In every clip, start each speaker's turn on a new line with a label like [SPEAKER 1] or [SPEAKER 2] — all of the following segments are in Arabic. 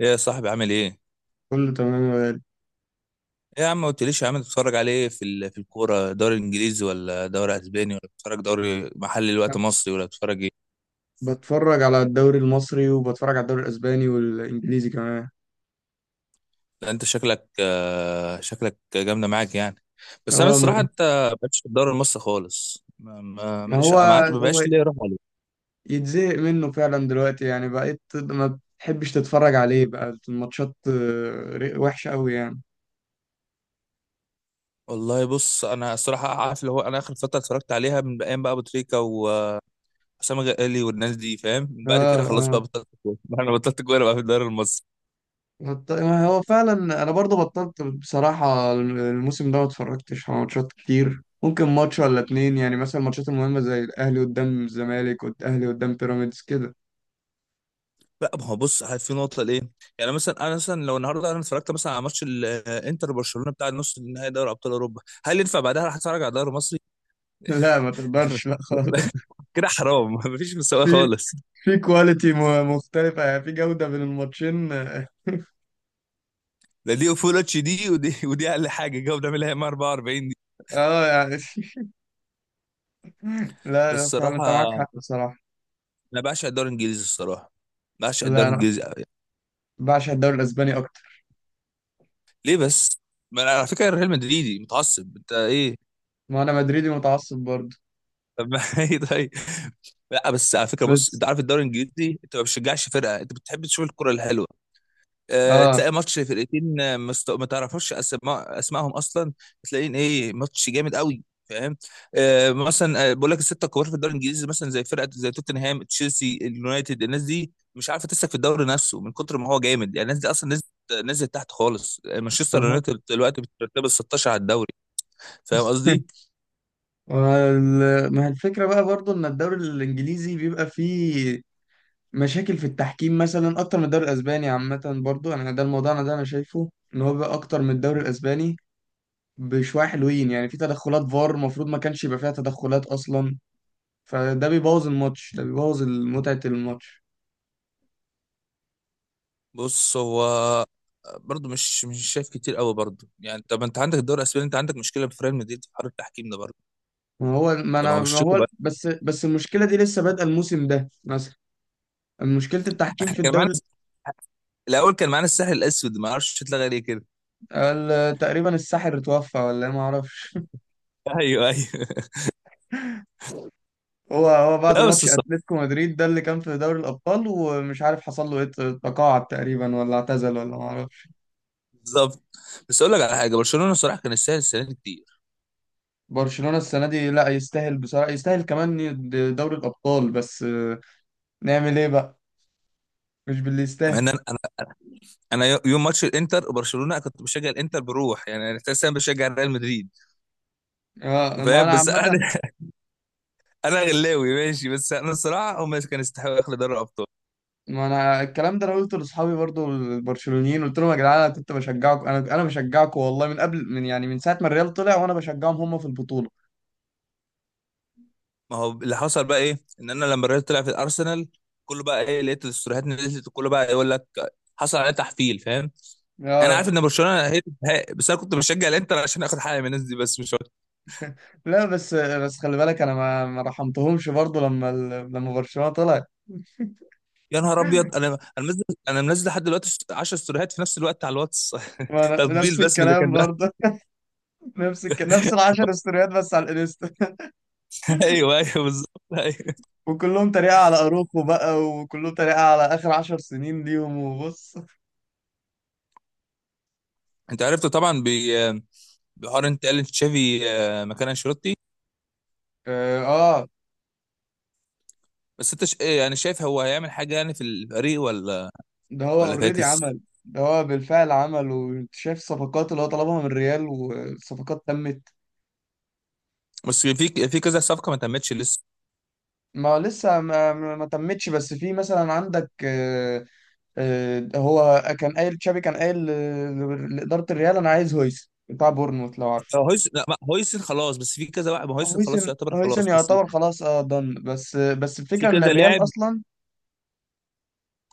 [SPEAKER 1] ايه يا صاحبي عامل ايه؟
[SPEAKER 2] كله تمام يا غالي.
[SPEAKER 1] ايه يا عم ما قلتليش يا عم بتتفرج على ايه في الكوره، دوري انجليزي ولا دوري اسباني ولا بتتفرج دوري محلي الوقت
[SPEAKER 2] أنا
[SPEAKER 1] مصري ولا بتتفرج ايه؟
[SPEAKER 2] بتفرج على الدوري المصري وبتفرج على الدوري الاسباني والانجليزي كمان.
[SPEAKER 1] لا انت شكلك شكلك جامده معاك يعني. بس انا
[SPEAKER 2] اه
[SPEAKER 1] الصراحه
[SPEAKER 2] م-
[SPEAKER 1] انت ما بقتش في الدوري المصري خالص، ما- ما-
[SPEAKER 2] ما
[SPEAKER 1] ماليش
[SPEAKER 2] هو
[SPEAKER 1] ما عادش- ما
[SPEAKER 2] هو
[SPEAKER 1] بقاش ليه روح عليه.
[SPEAKER 2] يتزهق منه فعلا دلوقتي، يعني بقيت ما بتحبش تتفرج عليه، بقى الماتشات وحشة قوي يعني.
[SPEAKER 1] والله بص انا الصراحه عارف اللي هو انا اخر فتره اتفرجت عليها من ايام بقى ابو تريكه وحسام غالي والناس دي، فاهم، من بعد
[SPEAKER 2] اه
[SPEAKER 1] كده خلاص بقى
[SPEAKER 2] اه.
[SPEAKER 1] بطلت كوره انا بطلت كوره بقى في الدوري المصري.
[SPEAKER 2] ما هو فعلا انا برضو بطلت، بصراحة الموسم ده ما اتفرجتش على ماتشات كتير، ممكن ماتش ولا اتنين يعني، مثلا الماتشات المهمة زي الاهلي قدام الزمالك والاهلي قدام بيراميدز كده.
[SPEAKER 1] لا ما هو بص، في نقطه ليه. يعني مثلا انا مثلا لو النهارده انا اتفرجت مثلا على ماتش الانتر برشلونه بتاع النص النهائي دوري ابطال اوروبا، هل ينفع بعدها هتفرج على دوري مصري؟
[SPEAKER 2] لا ما تقدرش، لا خالص.
[SPEAKER 1] كده حرام مفيش مساواه
[SPEAKER 2] في
[SPEAKER 1] خالص.
[SPEAKER 2] في كواليتي مختلفة، يعني في جودة بين الماتشين، اه.
[SPEAKER 1] ده دي فول اتش دي ودي، ودي اقل حاجه جاوب بنعملها هي 44 دي.
[SPEAKER 2] يعني لا
[SPEAKER 1] بس
[SPEAKER 2] لا، فعلا انت معاك
[SPEAKER 1] الصراحه
[SPEAKER 2] حق بصراحة.
[SPEAKER 1] انا بعشق الدوري الانجليزي، الصراحه بعشق الدوري
[SPEAKER 2] لا انا
[SPEAKER 1] الانجليزي أوي.
[SPEAKER 2] بعشق الدوري الاسباني اكتر.
[SPEAKER 1] ليه بس؟ ما أنا على فكره ريال مدريدي متعصب، انت ايه؟
[SPEAKER 2] ما انا مدريدي متعصب برضه
[SPEAKER 1] طب ما ايه طيب. لا بس على فكره بص،
[SPEAKER 2] بس.
[SPEAKER 1] انت عارف الدوري الانجليزي انت ما بتشجعش فرقه، انت بتحب تشوف الكره الحلوه.
[SPEAKER 2] اه
[SPEAKER 1] تلاقي ماتش فرقتين، ما تعرفش اسمائهم اصلا. تلاقين ايه ماتش جامد قوي، فاهم؟ آه مثلا آه، بقول لك، السته الكبار في الدوري الانجليزي مثلا زي فرقه زي توتنهام، تشيلسي، اليونايتد، الناس دي مش عارفه تسلك في الدوري نفسه من كتر ما هو جامد. يعني الناس دي اصلا نزلت تحت خالص. مانشستر
[SPEAKER 2] أها.
[SPEAKER 1] يونايتد دلوقتي بترتب ال 16 على الدوري. فاهم قصدي؟
[SPEAKER 2] ما هي الفكرة بقى برضه ان الدوري الانجليزي بيبقى فيه مشاكل في التحكيم مثلا اكتر من الدوري الاسباني عامة، برضه يعني ده الموضوع، انا ده انا شايفه ان هو بيبقى اكتر من الدوري الاسباني بشوية حلوين، يعني في تدخلات فار المفروض ما كانش يبقى فيها تدخلات اصلا، فده بيبوظ الماتش، ده بيبوظ متعة الماتش.
[SPEAKER 1] بص هو برضه مش شايف كتير قوي برضه. يعني طب انت عندك الدوري الاسباني، انت عندك مشكله في ريال مدريد في حوار التحكيم ده برضه؟ ده ما هو
[SPEAKER 2] ما
[SPEAKER 1] بالشكل
[SPEAKER 2] هو
[SPEAKER 1] بقى.
[SPEAKER 2] بس المشكلة دي لسه بادئة الموسم ده مثلا، مشكلة التحكيم
[SPEAKER 1] احنا
[SPEAKER 2] في
[SPEAKER 1] كان معانا
[SPEAKER 2] الدوري.
[SPEAKER 1] الاول كان معانا الساحل الاسود، ما اعرفش اتلغى ليه كده.
[SPEAKER 2] تقريبا الساحر اتوفى ولا إيه، ما اعرفش.
[SPEAKER 1] ايوه ايوه
[SPEAKER 2] هو بعد
[SPEAKER 1] لا بس
[SPEAKER 2] ماتش
[SPEAKER 1] الصراحة-
[SPEAKER 2] اتلتيكو مدريد ده اللي كان في دوري الابطال، ومش عارف حصل له ايه، تقاعد تقريبا ولا اعتزل ولا ما اعرفش.
[SPEAKER 1] بالظبط. بس اقول لك على حاجه، برشلونه صراحه كان يستاهل السنه دي كتير.
[SPEAKER 2] برشلونة السنة دي لا، يستاهل بصراحة، يستاهل كمان دوري الابطال، بس نعمل ايه بقى؟ مش باللي
[SPEAKER 1] مع
[SPEAKER 2] يستاهل.
[SPEAKER 1] ان انا انا أنا يوم ماتش الانتر وبرشلونه كنت بشجع الانتر، بروح يعني انا اساسا بشجع ريال مدريد،
[SPEAKER 2] ما
[SPEAKER 1] فاهم؟
[SPEAKER 2] انا
[SPEAKER 1] بس
[SPEAKER 2] عامة.
[SPEAKER 1] انا انا غلاوي ماشي، بس انا الصراحه هم كانوا يستحقوا ياخدوا دوري الابطال.
[SPEAKER 2] ما انا الكلام ده انا قلته لاصحابي برضو البرشلونيين، قلت لهم: يا جدعان انا كنت بشجعكم، انا بشجعكم والله من قبل، من يعني من ساعه ما الريال طلع وانا بشجعهم هم في البطوله.
[SPEAKER 1] ما هو اللي حصل بقى ايه، ان انا لما الريال طلع في الارسنال كله بقى ايه، لقيت الاستوريات نزلت كله بقى يقول لك حصل عليه تحفيل، فاهم؟ انا عارف
[SPEAKER 2] اه.
[SPEAKER 1] ان برشلونه هي، بس انا كنت بشجع الانتر عشان اخد حاجه من الناس دي، بس مش.
[SPEAKER 2] لا بس، خلي بالك انا ما رحمتهمش برضو، لما لما برشلونه طلع
[SPEAKER 1] يا نهار ابيض! انا منزل، لحد دلوقتي 10 ستوريهات في نفس الوقت على الواتس
[SPEAKER 2] ما أنا
[SPEAKER 1] تطبيل
[SPEAKER 2] نفس
[SPEAKER 1] بس من اللي
[SPEAKER 2] الكلام
[SPEAKER 1] كان بقى.
[SPEAKER 2] برضه. نفس نفس ال 10 استوريات بس على الانستا.
[SPEAKER 1] ايوه ايوه بالظبط ايوه.
[SPEAKER 2] وكلهم تريقة على اروخو بقى، وكلهم تريقة على اخر 10 سنين ليهم، وبص.
[SPEAKER 1] انت عرفت طبعا بحوار انت، قال تشافي مكان انشيلوتي.
[SPEAKER 2] اه آه.
[SPEAKER 1] بس انت إيه يعني، شايف هو هيعمل حاجه يعني في الفريق ولا
[SPEAKER 2] ده هو
[SPEAKER 1] ولا
[SPEAKER 2] اوريدي
[SPEAKER 1] فاكس؟
[SPEAKER 2] عمل. ده هو بالفعل عمل، وانت شايف الصفقات اللي هو طلبها من الريال والصفقات تمت.
[SPEAKER 1] بس في في كذا صفقه ما تمتش لسه.
[SPEAKER 2] ما هو لسه ما تمتش، بس في مثلا عندك هو كان قايل تشابي، كان قايل لإدارة الريال: انا عايز هويسن بتاع بورنموث لو عارف.
[SPEAKER 1] هو هويس لا، هويسن خلاص، بس في كذا واحد. ما هويسن خلاص
[SPEAKER 2] هويسن
[SPEAKER 1] يعتبر
[SPEAKER 2] هويسن
[SPEAKER 1] خلاص، بس
[SPEAKER 2] يعتبر خلاص، اه ضن، بس
[SPEAKER 1] في
[SPEAKER 2] الفكرة ان
[SPEAKER 1] كذا
[SPEAKER 2] الريال
[SPEAKER 1] لاعب
[SPEAKER 2] اصلا،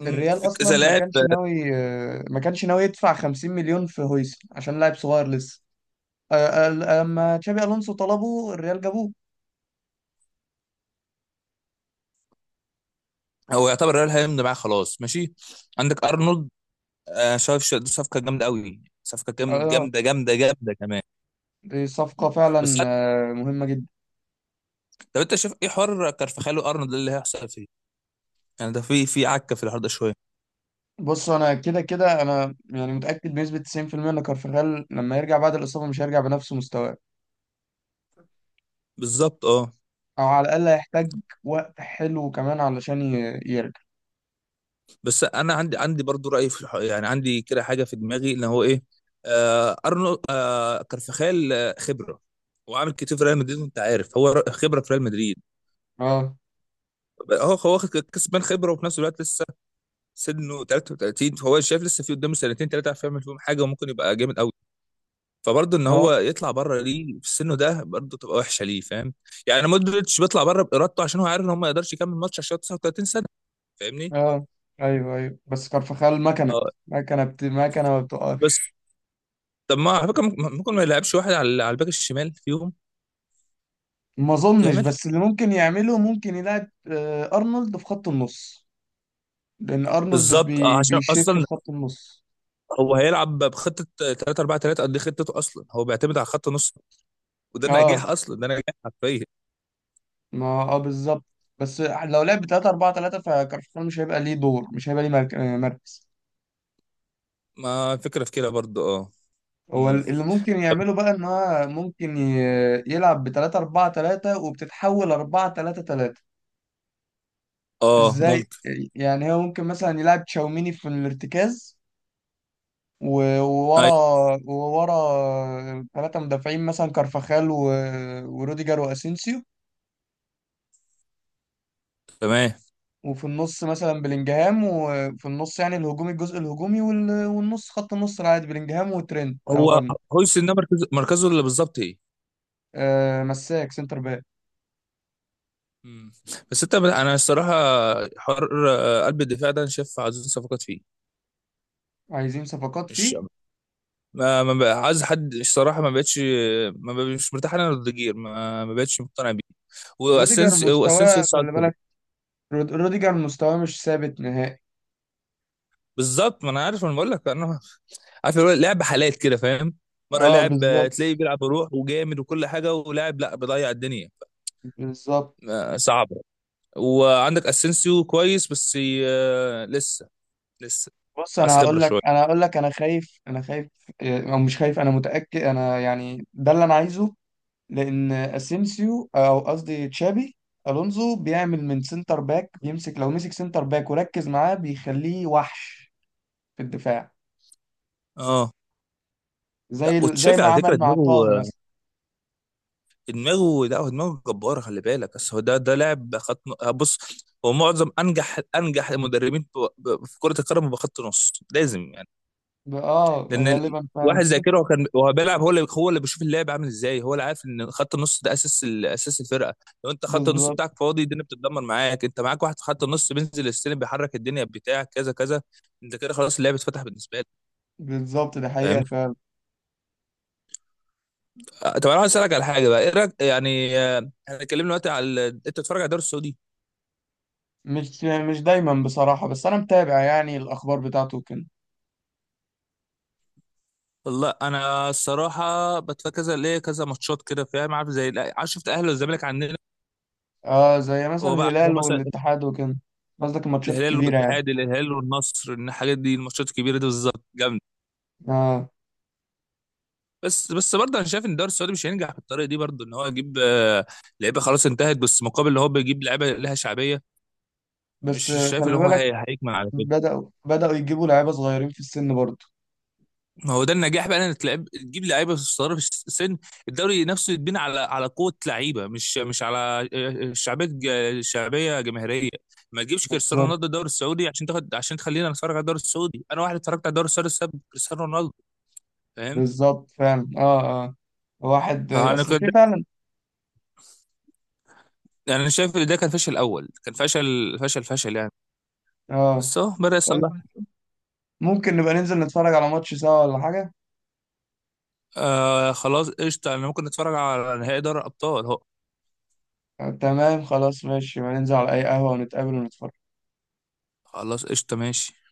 [SPEAKER 1] مم،
[SPEAKER 2] الريال
[SPEAKER 1] في
[SPEAKER 2] اصلا
[SPEAKER 1] كذا
[SPEAKER 2] ما
[SPEAKER 1] لاعب
[SPEAKER 2] كانش ناوي، ما كانش ناوي يدفع 50 مليون في هويسن عشان لاعب صغير لسه. آه، آه، لما تشابي الونسو طلبه الريال جابوه.
[SPEAKER 1] هو يعتبر ريال هيمضي معاه خلاص ماشي. عندك ارنولد، دي صفقه جامده قوي، صفقه جامده
[SPEAKER 2] اه،
[SPEAKER 1] جامده جامده جامده كمان.
[SPEAKER 2] دي صفقة
[SPEAKER 1] بس
[SPEAKER 2] فعلا
[SPEAKER 1] عارف-
[SPEAKER 2] مهمة جدا.
[SPEAKER 1] طب انت شايف ايه حوار كارفخال وارنولد ده اللي هيحصل فيه؟ يعني ده في عكه في الحوار ده شويه.
[SPEAKER 2] بص انا كده كده انا يعني متأكد بنسبة 90% ان كارفاخال لما يرجع بعد الإصابة مش هيرجع بنفس مستواه،
[SPEAKER 1] بالظبط اه.
[SPEAKER 2] او على الأقل هيحتاج وقت حلو كمان علشان يرجع.
[SPEAKER 1] بس انا عندي برضو راي في الحوار، يعني عندي كده حاجه في دماغي ان هو ايه. آه ارنولد، آه كارفخال، خبره وعامل كتير في ريال مدريد، انت عارف هو، خبره في ريال مدريد.
[SPEAKER 2] اه
[SPEAKER 1] هو واخد كسبان خبره وفي نفس الوقت لسه سنه 33، فهو شايف لسه في قدامه سنتين ثلاثه عارف يعمل فيهم حاجه وممكن يبقى جامد. فبرضه ان
[SPEAKER 2] اه
[SPEAKER 1] هو يطلع بره ليه في سنه ده برضه تبقى وحشه ليه، فاهم؟ يعني مودريتش بيطلع بره بارادته عشان هو عارف ان هو ما يقدرش يكمل ماتش عشان هو 39 سنه، فاهمني؟
[SPEAKER 2] اه، ايوه ايوه. بس كارفاخال مكنة
[SPEAKER 1] اه
[SPEAKER 2] مكنة بت... مكنة ما
[SPEAKER 1] بس
[SPEAKER 2] بتقفش.
[SPEAKER 1] طب، ما على فكره، ممكن ما يلعبش واحد على الباك الشمال فيهم؟
[SPEAKER 2] ما اظنش،
[SPEAKER 1] يعملها.
[SPEAKER 2] بس اللي ممكن يعمله ممكن يلعب ارنولد في خط النص، لان ارنولد
[SPEAKER 1] بالظبط اه، عشان
[SPEAKER 2] بيشيفت
[SPEAKER 1] اصلا
[SPEAKER 2] في خط النص.
[SPEAKER 1] هو هيلعب بخطه 3-4-3، قد إيه خطته اصلا هو بيعتمد على خط نص، وده
[SPEAKER 2] اه
[SPEAKER 1] نجاح، اصلا ده نجاح حرفيا.
[SPEAKER 2] ما اه بالظبط. بس لو لعب 3 4 3، فكارفخال مش هيبقى ليه دور، مش هيبقى ليه مركز.
[SPEAKER 1] ما فكره في كده برضه اه.
[SPEAKER 2] هو
[SPEAKER 1] امم،
[SPEAKER 2] اللي ممكن
[SPEAKER 1] طب
[SPEAKER 2] يعمله بقى ان هو ممكن يلعب ب 3 4 3 وبتتحول 4 3 3.
[SPEAKER 1] اه،
[SPEAKER 2] ازاي؟
[SPEAKER 1] ممكن.
[SPEAKER 2] يعني هو ممكن مثلا يلعب تشاوميني في الارتكاز وورا،
[SPEAKER 1] ايوه
[SPEAKER 2] وورا 3 مدافعين مثلا كارفاخال وروديجر واسينسيو.
[SPEAKER 1] تمام.
[SPEAKER 2] وفي النص مثلا بلينجهام، وفي النص يعني الهجومي، الجزء الهجومي، والنص خط النص العادي بلينجهام وترينت او
[SPEAKER 1] هو
[SPEAKER 2] ارنولد.
[SPEAKER 1] هويسن ده مركزه، مركزه اللي بالظبط ايه؟
[SPEAKER 2] آه مساك سنتر باك.
[SPEAKER 1] مم. بس انت، انا الصراحه، حر قلب الدفاع ده انا شايف عايزين صفقات فيه،
[SPEAKER 2] عايزين صفقات
[SPEAKER 1] مش
[SPEAKER 2] فيه.
[SPEAKER 1] ما بقى عايز حد. الصراحه ما بقتش، ما بقى مش مرتاح انا لروديجير، ما بقتش مقتنع بيه.
[SPEAKER 2] روديجر
[SPEAKER 1] واسنسيو
[SPEAKER 2] مستواه
[SPEAKER 1] صعد
[SPEAKER 2] خلي
[SPEAKER 1] كده.
[SPEAKER 2] بالك، روديجر مستواه مش ثابت نهائي.
[SPEAKER 1] بالظبط، ما انا عارف، انا بقول لك انا عارف اللي هو، لعب حالات كده، فاهم؟ مره
[SPEAKER 2] اه
[SPEAKER 1] لاعب
[SPEAKER 2] بالظبط،
[SPEAKER 1] تلاقيه بيلعب بروح وجامد وكل حاجه، ولاعب لا بيضيع الدنيا.
[SPEAKER 2] بالظبط.
[SPEAKER 1] صعبه. وعندك اسينسيو كويس، بس لسه، لسه
[SPEAKER 2] بص
[SPEAKER 1] عايز
[SPEAKER 2] انا
[SPEAKER 1] خبره
[SPEAKER 2] هقول لك
[SPEAKER 1] شويه.
[SPEAKER 2] انا هقول لك انا خايف، او مش خايف، انا متأكد، انا يعني ده اللي انا عايزه. لان اسينسيو او قصدي تشابي الونزو بيعمل من سنتر باك، بيمسك، لو مسك سنتر باك وركز معاه بيخليه وحش في الدفاع،
[SPEAKER 1] اه. لا
[SPEAKER 2] زي زي
[SPEAKER 1] وتشافي
[SPEAKER 2] ما
[SPEAKER 1] على فكره
[SPEAKER 2] عمل مع طه
[SPEAKER 1] دماغه،
[SPEAKER 2] مثلا.
[SPEAKER 1] دماغه، لا هو دماغه جباره، خلي بالك. بس هو ده ده لاعب خط بص، هو معظم انجح المدربين في كره القدم بخط نص لازم يعني. لان ال-
[SPEAKER 2] غالبا
[SPEAKER 1] واحد
[SPEAKER 2] فعلا
[SPEAKER 1] زي كده، هو كان هو بيلعب، هو اللي بيشوف اللعب عامل ازاي، هو اللي عارف ان خط النص ده اساس اساس الفرقه. لو انت خط النص
[SPEAKER 2] بالظبط
[SPEAKER 1] بتاعك فاضي، الدنيا بتتدمر معاك. انت معاك واحد في خط النص بينزل السلم بيحرك الدنيا بتاعك كذا كذا، انت كده خلاص اللعب اتفتح بالنسبه
[SPEAKER 2] بالظبط، ده حقيقة
[SPEAKER 1] لك.
[SPEAKER 2] فعلا.
[SPEAKER 1] طب انا عايز اسالك على حاجه بقى، ايه رايك يعني احنا اتكلمنا دلوقتي على انت بتتفرج على الدوري السعودي؟
[SPEAKER 2] مش يعني مش دايما بصراحة، بس انا متابع يعني الاخبار بتاعته وكده.
[SPEAKER 1] والله انا الصراحه بتفرج كذا ليه كذا ماتشات كده، فاهم؟ عارف زي، لا، عارف شفت الاهلي والزمالك عندنا،
[SPEAKER 2] اه، زي مثلا
[SPEAKER 1] هو بقى عندهم
[SPEAKER 2] الهلال
[SPEAKER 1] مثلا
[SPEAKER 2] والاتحاد وكده. قصدك الماتشات
[SPEAKER 1] الهلال
[SPEAKER 2] الكبيرة يعني.
[SPEAKER 1] والاتحاد، الهلال والنصر، إن الحاجات دي، الماتشات الكبيره دي بالظبط جامده.
[SPEAKER 2] اه
[SPEAKER 1] بس برضه انا شايف ان الدوري السعودي مش هينجح بالطريقه دي برضه، ان هو يجيب لعيبه خلاص انتهت، بس مقابل ان هو بيجيب لعيبه لها شعبيه، مش
[SPEAKER 2] بس
[SPEAKER 1] شايف ان
[SPEAKER 2] خلي
[SPEAKER 1] هو
[SPEAKER 2] بالك،
[SPEAKER 1] هيكمل على كده.
[SPEAKER 2] بدأوا يجيبوا لعيبة صغيرين في السن برضه.
[SPEAKER 1] ما هو ده النجاح بقى، انك تلعب تجيب لعيبه صغيره في السن، الدوري نفسه يتبنى على قوه لعيبه، مش على شعبيه، شعبيه جماهيريه. ما تجيبش كريستيانو
[SPEAKER 2] بالظبط
[SPEAKER 1] رونالدو الدوري السعودي عشان تاخد، عشان تخلينا نتفرج على الدوري السعودي. انا واحد اتفرجت على الدوري السعودي بسبب كريستيانو رونالدو، فاهم؟
[SPEAKER 2] بالظبط فعلا، اه اه. واحد
[SPEAKER 1] انا
[SPEAKER 2] اصل
[SPEAKER 1] كنت،
[SPEAKER 2] في فعلا.
[SPEAKER 1] انا شايف ان ده كان فشل اول، كان فشل فشل فشل يعني،
[SPEAKER 2] اه
[SPEAKER 1] بس اهو بدا
[SPEAKER 2] طيب،
[SPEAKER 1] يصلح.
[SPEAKER 2] ممكن نبقى ننزل نتفرج على ماتش سوا، ولا حاجة؟
[SPEAKER 1] آه خلاص قشطه، انا ممكن نتفرج على نهائي دوري الابطال اهو.
[SPEAKER 2] تمام خلاص ماشي، يبقى ننزل على اي قهوة ونتقابل ونتفرج.
[SPEAKER 1] خلاص قشطه ماشي.